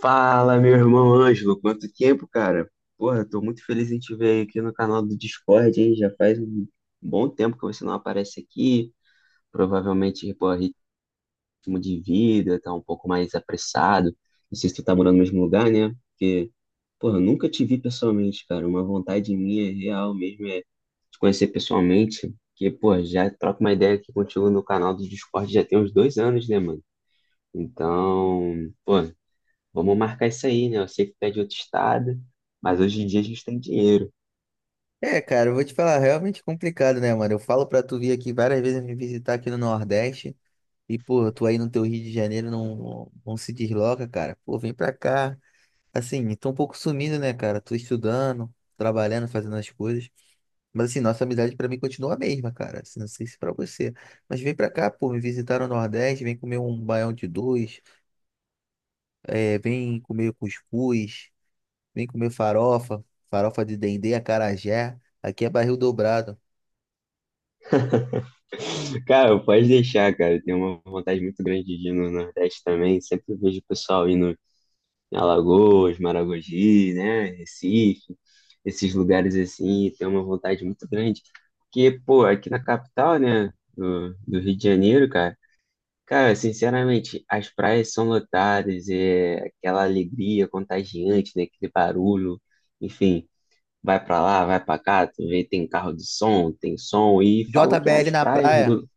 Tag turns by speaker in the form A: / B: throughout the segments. A: Fala, meu irmão Ângelo, quanto tempo, cara? Porra, tô muito feliz em te ver aqui no canal do Discord, hein? Já faz um bom tempo que você não aparece aqui. Provavelmente, pô, ritmo de vida tá um pouco mais apressado. Não sei se tu tá morando no mesmo lugar, né? Porque, porra, eu nunca te vi pessoalmente, cara. Uma vontade minha real mesmo é te conhecer pessoalmente. Que, pô, já troco uma ideia aqui contigo no canal do Discord já tem uns 2 anos, né, mano? Então, pô. Vamos marcar isso aí, né? Eu sei que tu é de outro estado, mas hoje em dia a gente tem dinheiro.
B: É, cara, eu vou te falar, realmente complicado, né, mano? Eu falo pra tu vir aqui várias vezes me visitar aqui no Nordeste e, pô, tu aí no teu Rio de Janeiro não se desloca, cara. Pô, vem pra cá. Assim, tô um pouco sumido, né, cara? Tô estudando, trabalhando, fazendo as coisas. Mas, assim, nossa amizade pra mim continua a mesma, cara. Assim, não sei se pra você. Mas vem pra cá, pô, me visitar no Nordeste, vem comer um baião de dois, é, vem comer cuscuz, vem comer farofa, farofa de dendê, acarajé. Aqui é barril dobrado.
A: Cara, pode deixar, cara. Eu tenho uma vontade muito grande de ir no Nordeste também. Sempre vejo o pessoal indo em Alagoas, Maragogi, né? Recife, esses lugares assim. Tenho uma vontade muito grande. Porque, pô, aqui na capital, né? Do Rio de Janeiro, cara. Cara, sinceramente, as praias são lotadas, é aquela alegria contagiante, né? Aquele barulho, enfim. Vai pra lá, vai pra cá, tu vê, tem carro de som, tem som, e falam que
B: JBL
A: as
B: na
A: praias
B: praia.
A: do...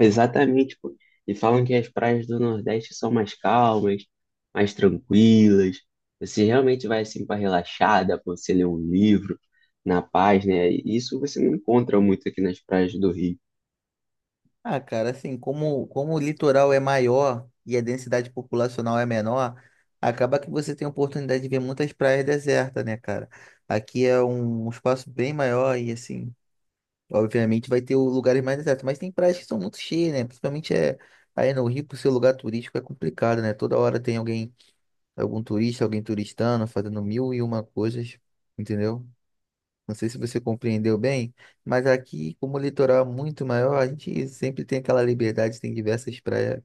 A: Exatamente, pô. E falam que as praias do Nordeste são mais calmas, mais tranquilas. Você realmente vai assim pra relaxada, pra você ler um livro na paz, né? E isso você não encontra muito aqui nas praias do Rio.
B: Ah, cara, assim, como o litoral é maior e a densidade populacional é menor, acaba que você tem a oportunidade de ver muitas praias desertas, né, cara? Aqui é um espaço bem maior e, assim, obviamente vai ter lugares mais desertos, mas tem praias que são muito cheias, né? Principalmente é, aí no Rio, por ser lugar turístico, é complicado, né? Toda hora tem alguém, algum turista, alguém turistando, fazendo mil e uma coisas, entendeu? Não sei se você compreendeu bem, mas aqui, como o litoral é muito maior, a gente sempre tem aquela liberdade, tem diversas praias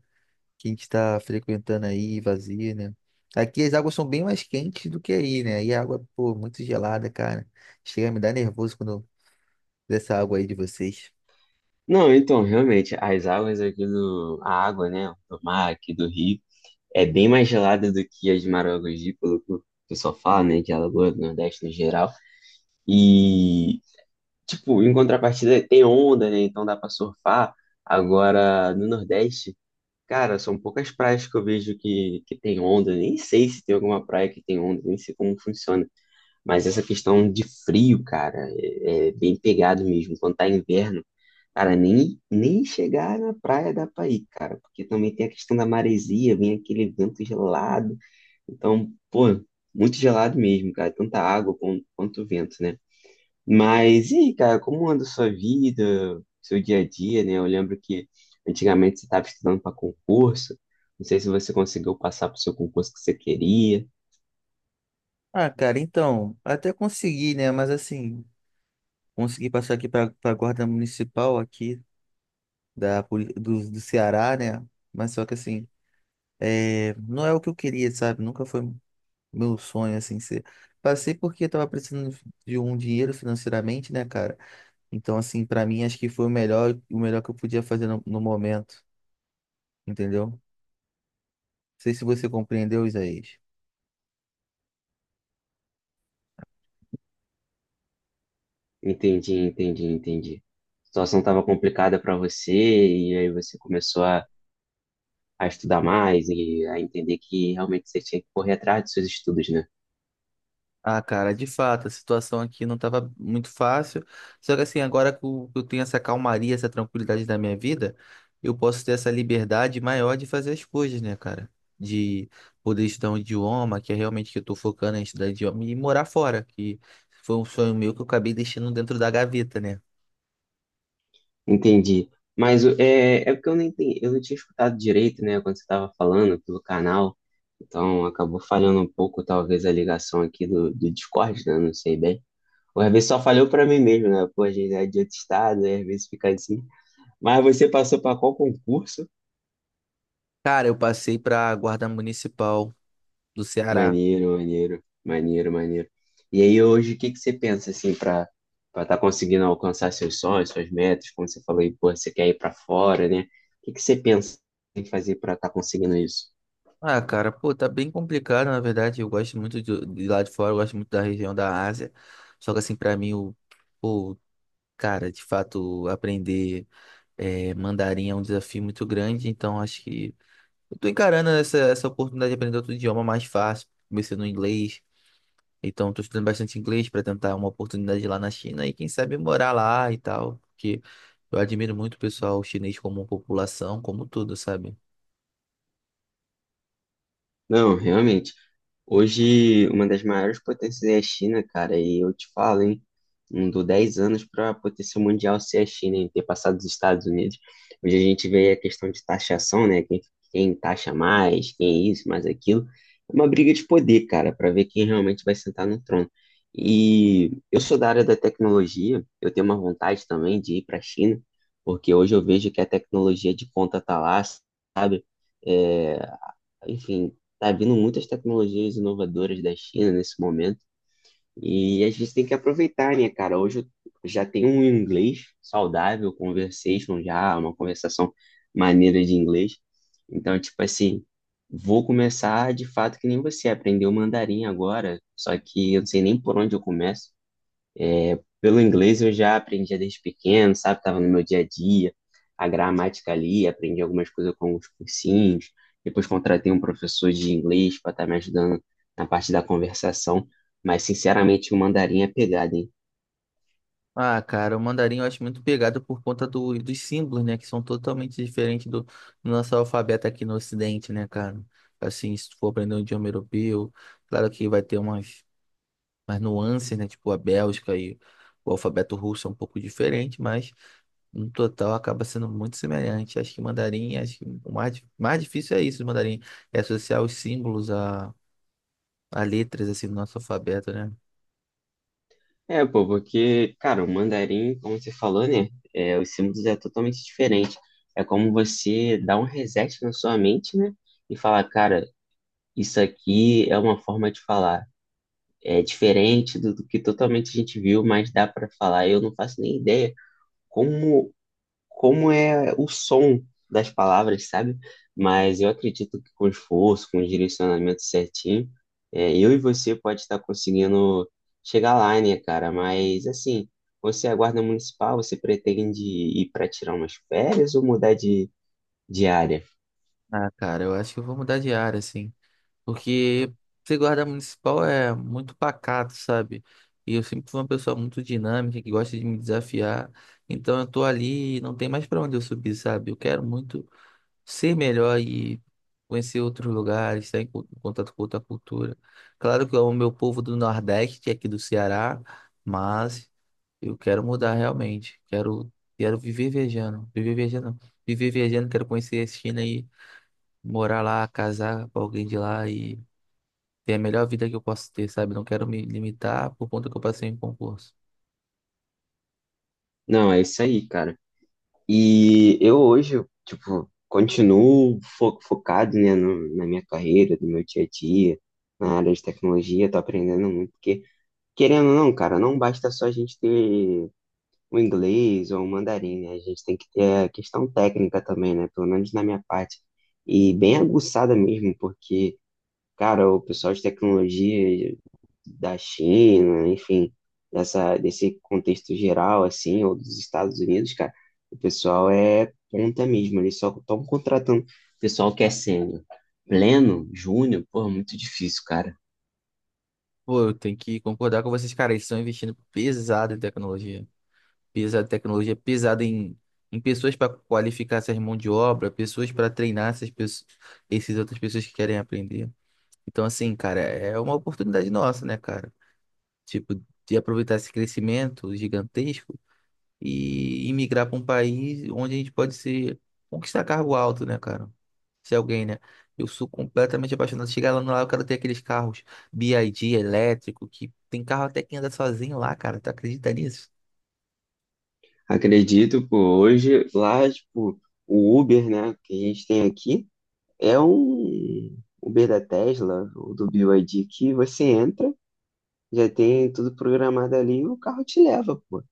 B: que a gente está frequentando aí, vazia, né? Aqui as águas são bem mais quentes do que aí, né? E a água, pô, muito gelada, cara. Chega a me dar nervoso quando eu- dessa água aí de vocês.
A: Não, então, realmente, as águas aqui do... A água, né? Do mar aqui do Rio é bem mais gelada do que as de Maragogi, pelo que o pessoal fala, né? De Alagoas do Nordeste no geral. E, tipo, em contrapartida, tem onda, né? Então dá pra surfar. Agora, no Nordeste, cara, são poucas praias que eu vejo que tem onda. Nem sei se tem alguma praia que tem onda, nem sei como funciona. Mas essa questão de frio, cara, é bem pegado mesmo. Quando tá inverno, cara, nem chegar na praia dá pra ir, cara. Porque também tem a questão da maresia, vem aquele vento gelado. Então, pô, muito gelado mesmo, cara. Tanto a água quanto o vento, né? Mas e aí, cara, como anda a sua vida, seu dia a dia, né? Eu lembro que antigamente você estava estudando para concurso. Não sei se você conseguiu passar para o seu concurso que você queria.
B: Ah, cara, então, até consegui, né? Mas assim, consegui passar aqui para a guarda municipal aqui do Ceará, né? Mas só que assim, é, não é o que eu queria, sabe? Nunca foi. Meu sonho, assim, ser. Passei porque eu tava precisando de um dinheiro financeiramente, né, cara? Então, assim, pra mim, acho que foi o melhor que eu podia fazer no momento, entendeu? Não sei se você compreendeu, Isaías.
A: Entendi, entendi, entendi. A situação estava complicada para você e aí você começou a estudar mais e a entender que realmente você tinha que correr atrás dos seus estudos, né?
B: Ah, cara, de fato, a situação aqui não estava muito fácil. Só que assim, agora que eu tenho essa calmaria, essa tranquilidade da minha vida, eu posso ter essa liberdade maior de fazer as coisas, né, cara? De poder estudar um idioma, que é realmente que eu tô focando em estudar idioma, e morar fora, que foi um sonho meu que eu acabei deixando dentro da gaveta, né?
A: Entendi. Mas é, é porque eu não entendi, eu não tinha escutado direito, né, quando você estava falando pelo canal. Então acabou falhando um pouco, talvez, a ligação aqui do Discord, né? Não sei bem. Ou às vezes só falhou para mim mesmo, né? Pô, a gente é de outro estado, aí às vezes fica assim. Mas você passou para qual concurso?
B: Cara, eu passei para a Guarda Municipal do Ceará.
A: Maneiro, maneiro, maneiro, maneiro. E aí hoje, o que que você pensa assim para estar conseguindo alcançar seus sonhos, suas metas? Como você falou aí, pô, você quer ir para fora, né? O que que você pensa em fazer para estar conseguindo isso?
B: Ah, cara, pô, tá bem complicado, na verdade. Eu gosto muito de lá de fora, eu gosto muito da região da Ásia. Só que, assim, pra mim, o, pô, cara, de fato, aprender mandarim é um desafio muito grande. Então, acho que eu tô encarando essa oportunidade de aprender outro idioma mais fácil. Comecei no inglês, então tô estudando bastante inglês pra tentar uma oportunidade lá na China e, quem sabe, morar lá e tal. Porque eu admiro muito o pessoal chinês como população, como tudo, sabe?
A: Não, realmente. Hoje, uma das maiores potências é a China, cara, e eu te falo, hein? Não dou 10 anos para a potência mundial ser a China, hein? Ter passado os Estados Unidos. Hoje a gente vê a questão de taxação, né? Quem taxa mais, quem é isso, mais aquilo. É uma briga de poder, cara, para ver quem realmente vai sentar no trono. E eu sou da área da tecnologia, eu tenho uma vontade também de ir para a China, porque hoje eu vejo que a tecnologia de ponta tá lá, sabe? É, enfim, tá vindo muitas tecnologias inovadoras da China nesse momento e a gente tem que aproveitar, né, cara? Hoje eu já tenho um inglês saudável, conversation já, é uma conversação maneira de inglês. Então, tipo assim, vou começar de fato que nem você, aprender o mandarim agora, só que eu não sei nem por onde eu começo. Pelo inglês eu já aprendia desde pequeno, sabe? Tava no meu dia a dia, a gramática ali, aprendi algumas coisas com os cursinhos. Depois contratei um professor de inglês para estar me ajudando na parte da conversação. Mas, sinceramente, o mandarim é pegada, hein?
B: Ah, cara, o mandarim eu acho muito pegado por conta dos símbolos, né? Que são totalmente diferentes do nosso alfabeto aqui no Ocidente, né, cara? Assim, se tu for aprender um idioma europeu, claro que vai ter umas, umas nuances, né? Tipo a Bélgica e o alfabeto russo é um pouco diferente, mas no total acaba sendo muito semelhante. Acho que mandarim, acho que o mais, mais difícil é isso, o mandarim, é associar os símbolos a letras, assim, do nosso alfabeto, né?
A: É, pô, porque, cara, o mandarim, como você falou, né? É, os símbolos é totalmente diferente. É como você dar um reset na sua mente, né? E falar, cara, isso aqui é uma forma de falar. É diferente do que totalmente a gente viu, mas dá para falar. Eu não faço nem ideia como, como é o som das palavras, sabe? Mas eu acredito que com esforço, com o direcionamento certinho, é, eu e você pode estar conseguindo chegar lá, né, cara? Mas assim, você é guarda municipal, você pretende ir para tirar umas férias ou mudar de área?
B: Ah, cara, eu acho que eu vou mudar de área, assim. Porque ser guarda municipal é muito pacato, sabe? E eu sempre fui uma pessoa muito dinâmica, que gosta de me desafiar. Então eu tô ali, e não tem mais pra onde eu subir, sabe? Eu quero muito ser melhor e conhecer outros lugares, estar em contato com outra cultura. Claro que eu amo meu povo do Nordeste, aqui do Ceará, mas eu quero mudar realmente. Quero, quero viver viajando, viver viajando, viver viajando, quero conhecer a China e morar lá, casar com alguém de lá e ter a melhor vida que eu posso ter, sabe? Não quero me limitar por conta que eu passei em concurso.
A: Não, é isso aí, cara. E eu hoje, tipo, continuo focado, né, na minha carreira, no meu dia a dia, na área de tecnologia, tô aprendendo muito, porque, querendo ou não, cara, não basta só a gente ter o inglês ou o mandarim, né, a gente tem que ter a questão técnica também, né, pelo menos na minha parte, e bem aguçada mesmo, porque cara, o pessoal de tecnologia da China, enfim, desse contexto geral, assim, ou dos Estados Unidos, cara, o pessoal é ponta mesmo, eles só estão contratando pessoal que é sênior. Pleno, júnior, pô, é muito difícil, cara.
B: Pô, eu tenho que concordar com vocês, cara. Eles estão investindo pesado em tecnologia. Pesado em tecnologia, pesado em pessoas para qualificar essas mãos de obra, pessoas para treinar essas pessoas, essas outras pessoas que querem aprender. Então, assim, cara, é uma oportunidade nossa, né, cara? Tipo, de aproveitar esse crescimento gigantesco e imigrar para um país onde a gente pode ser conquistar cargo alto, né, cara? Se alguém, né? Eu sou completamente apaixonado. Chegar lá no lá, eu quero ter aqueles carros BYD elétrico, que tem carro até que anda sozinho lá, cara. Tu acredita nisso?
A: Acredito, pô, hoje lá, tipo, o Uber, né, que a gente tem aqui, é um Uber da Tesla, ou do BYD que você entra, já tem tudo programado ali e o carro te leva, pô.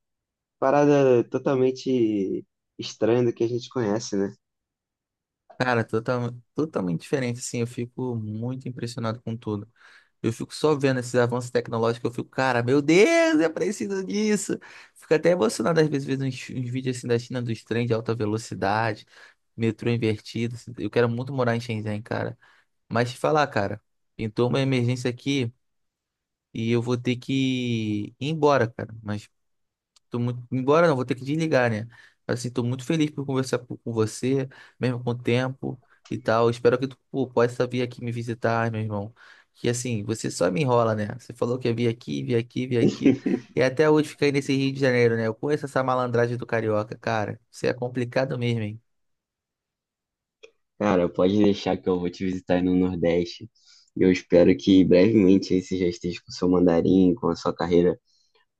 A: Parada totalmente estranha do que a gente conhece, né?
B: Cara, totalmente diferente, assim. Eu fico muito impressionado com tudo. Eu fico só vendo esses avanços tecnológicos, eu fico, cara, meu Deus, eu preciso disso. Fico até emocionado às vezes vendo uns, uns vídeos assim da China dos trens de alta velocidade, metrô invertido. Assim. Eu quero muito morar em Shenzhen, cara. Mas te falar, cara, pintou uma emergência aqui e eu vou ter que ir embora, cara. Mas tô muito... Embora não, vou ter que desligar, né? Mas, assim, tô muito feliz por com você, mesmo com o tempo e tal. Espero que tu pô, possa vir aqui me visitar, meu irmão. Que assim, você só me enrola, né? Você falou que ia vir aqui, vir aqui, vir aqui. E até hoje fica aí nesse Rio de Janeiro, né? Eu conheço essa malandragem do carioca, cara. Você é complicado mesmo, hein?
A: Cara, pode deixar que eu vou te visitar aí no Nordeste. Eu espero que brevemente aí você já esteja com seu mandarim, com a sua carreira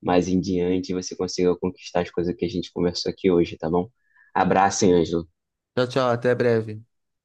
A: mais em diante, e você consiga conquistar as coisas que a gente conversou aqui hoje, tá bom? Abraço, hein, Ângelo.
B: Tchau, tchau, até breve.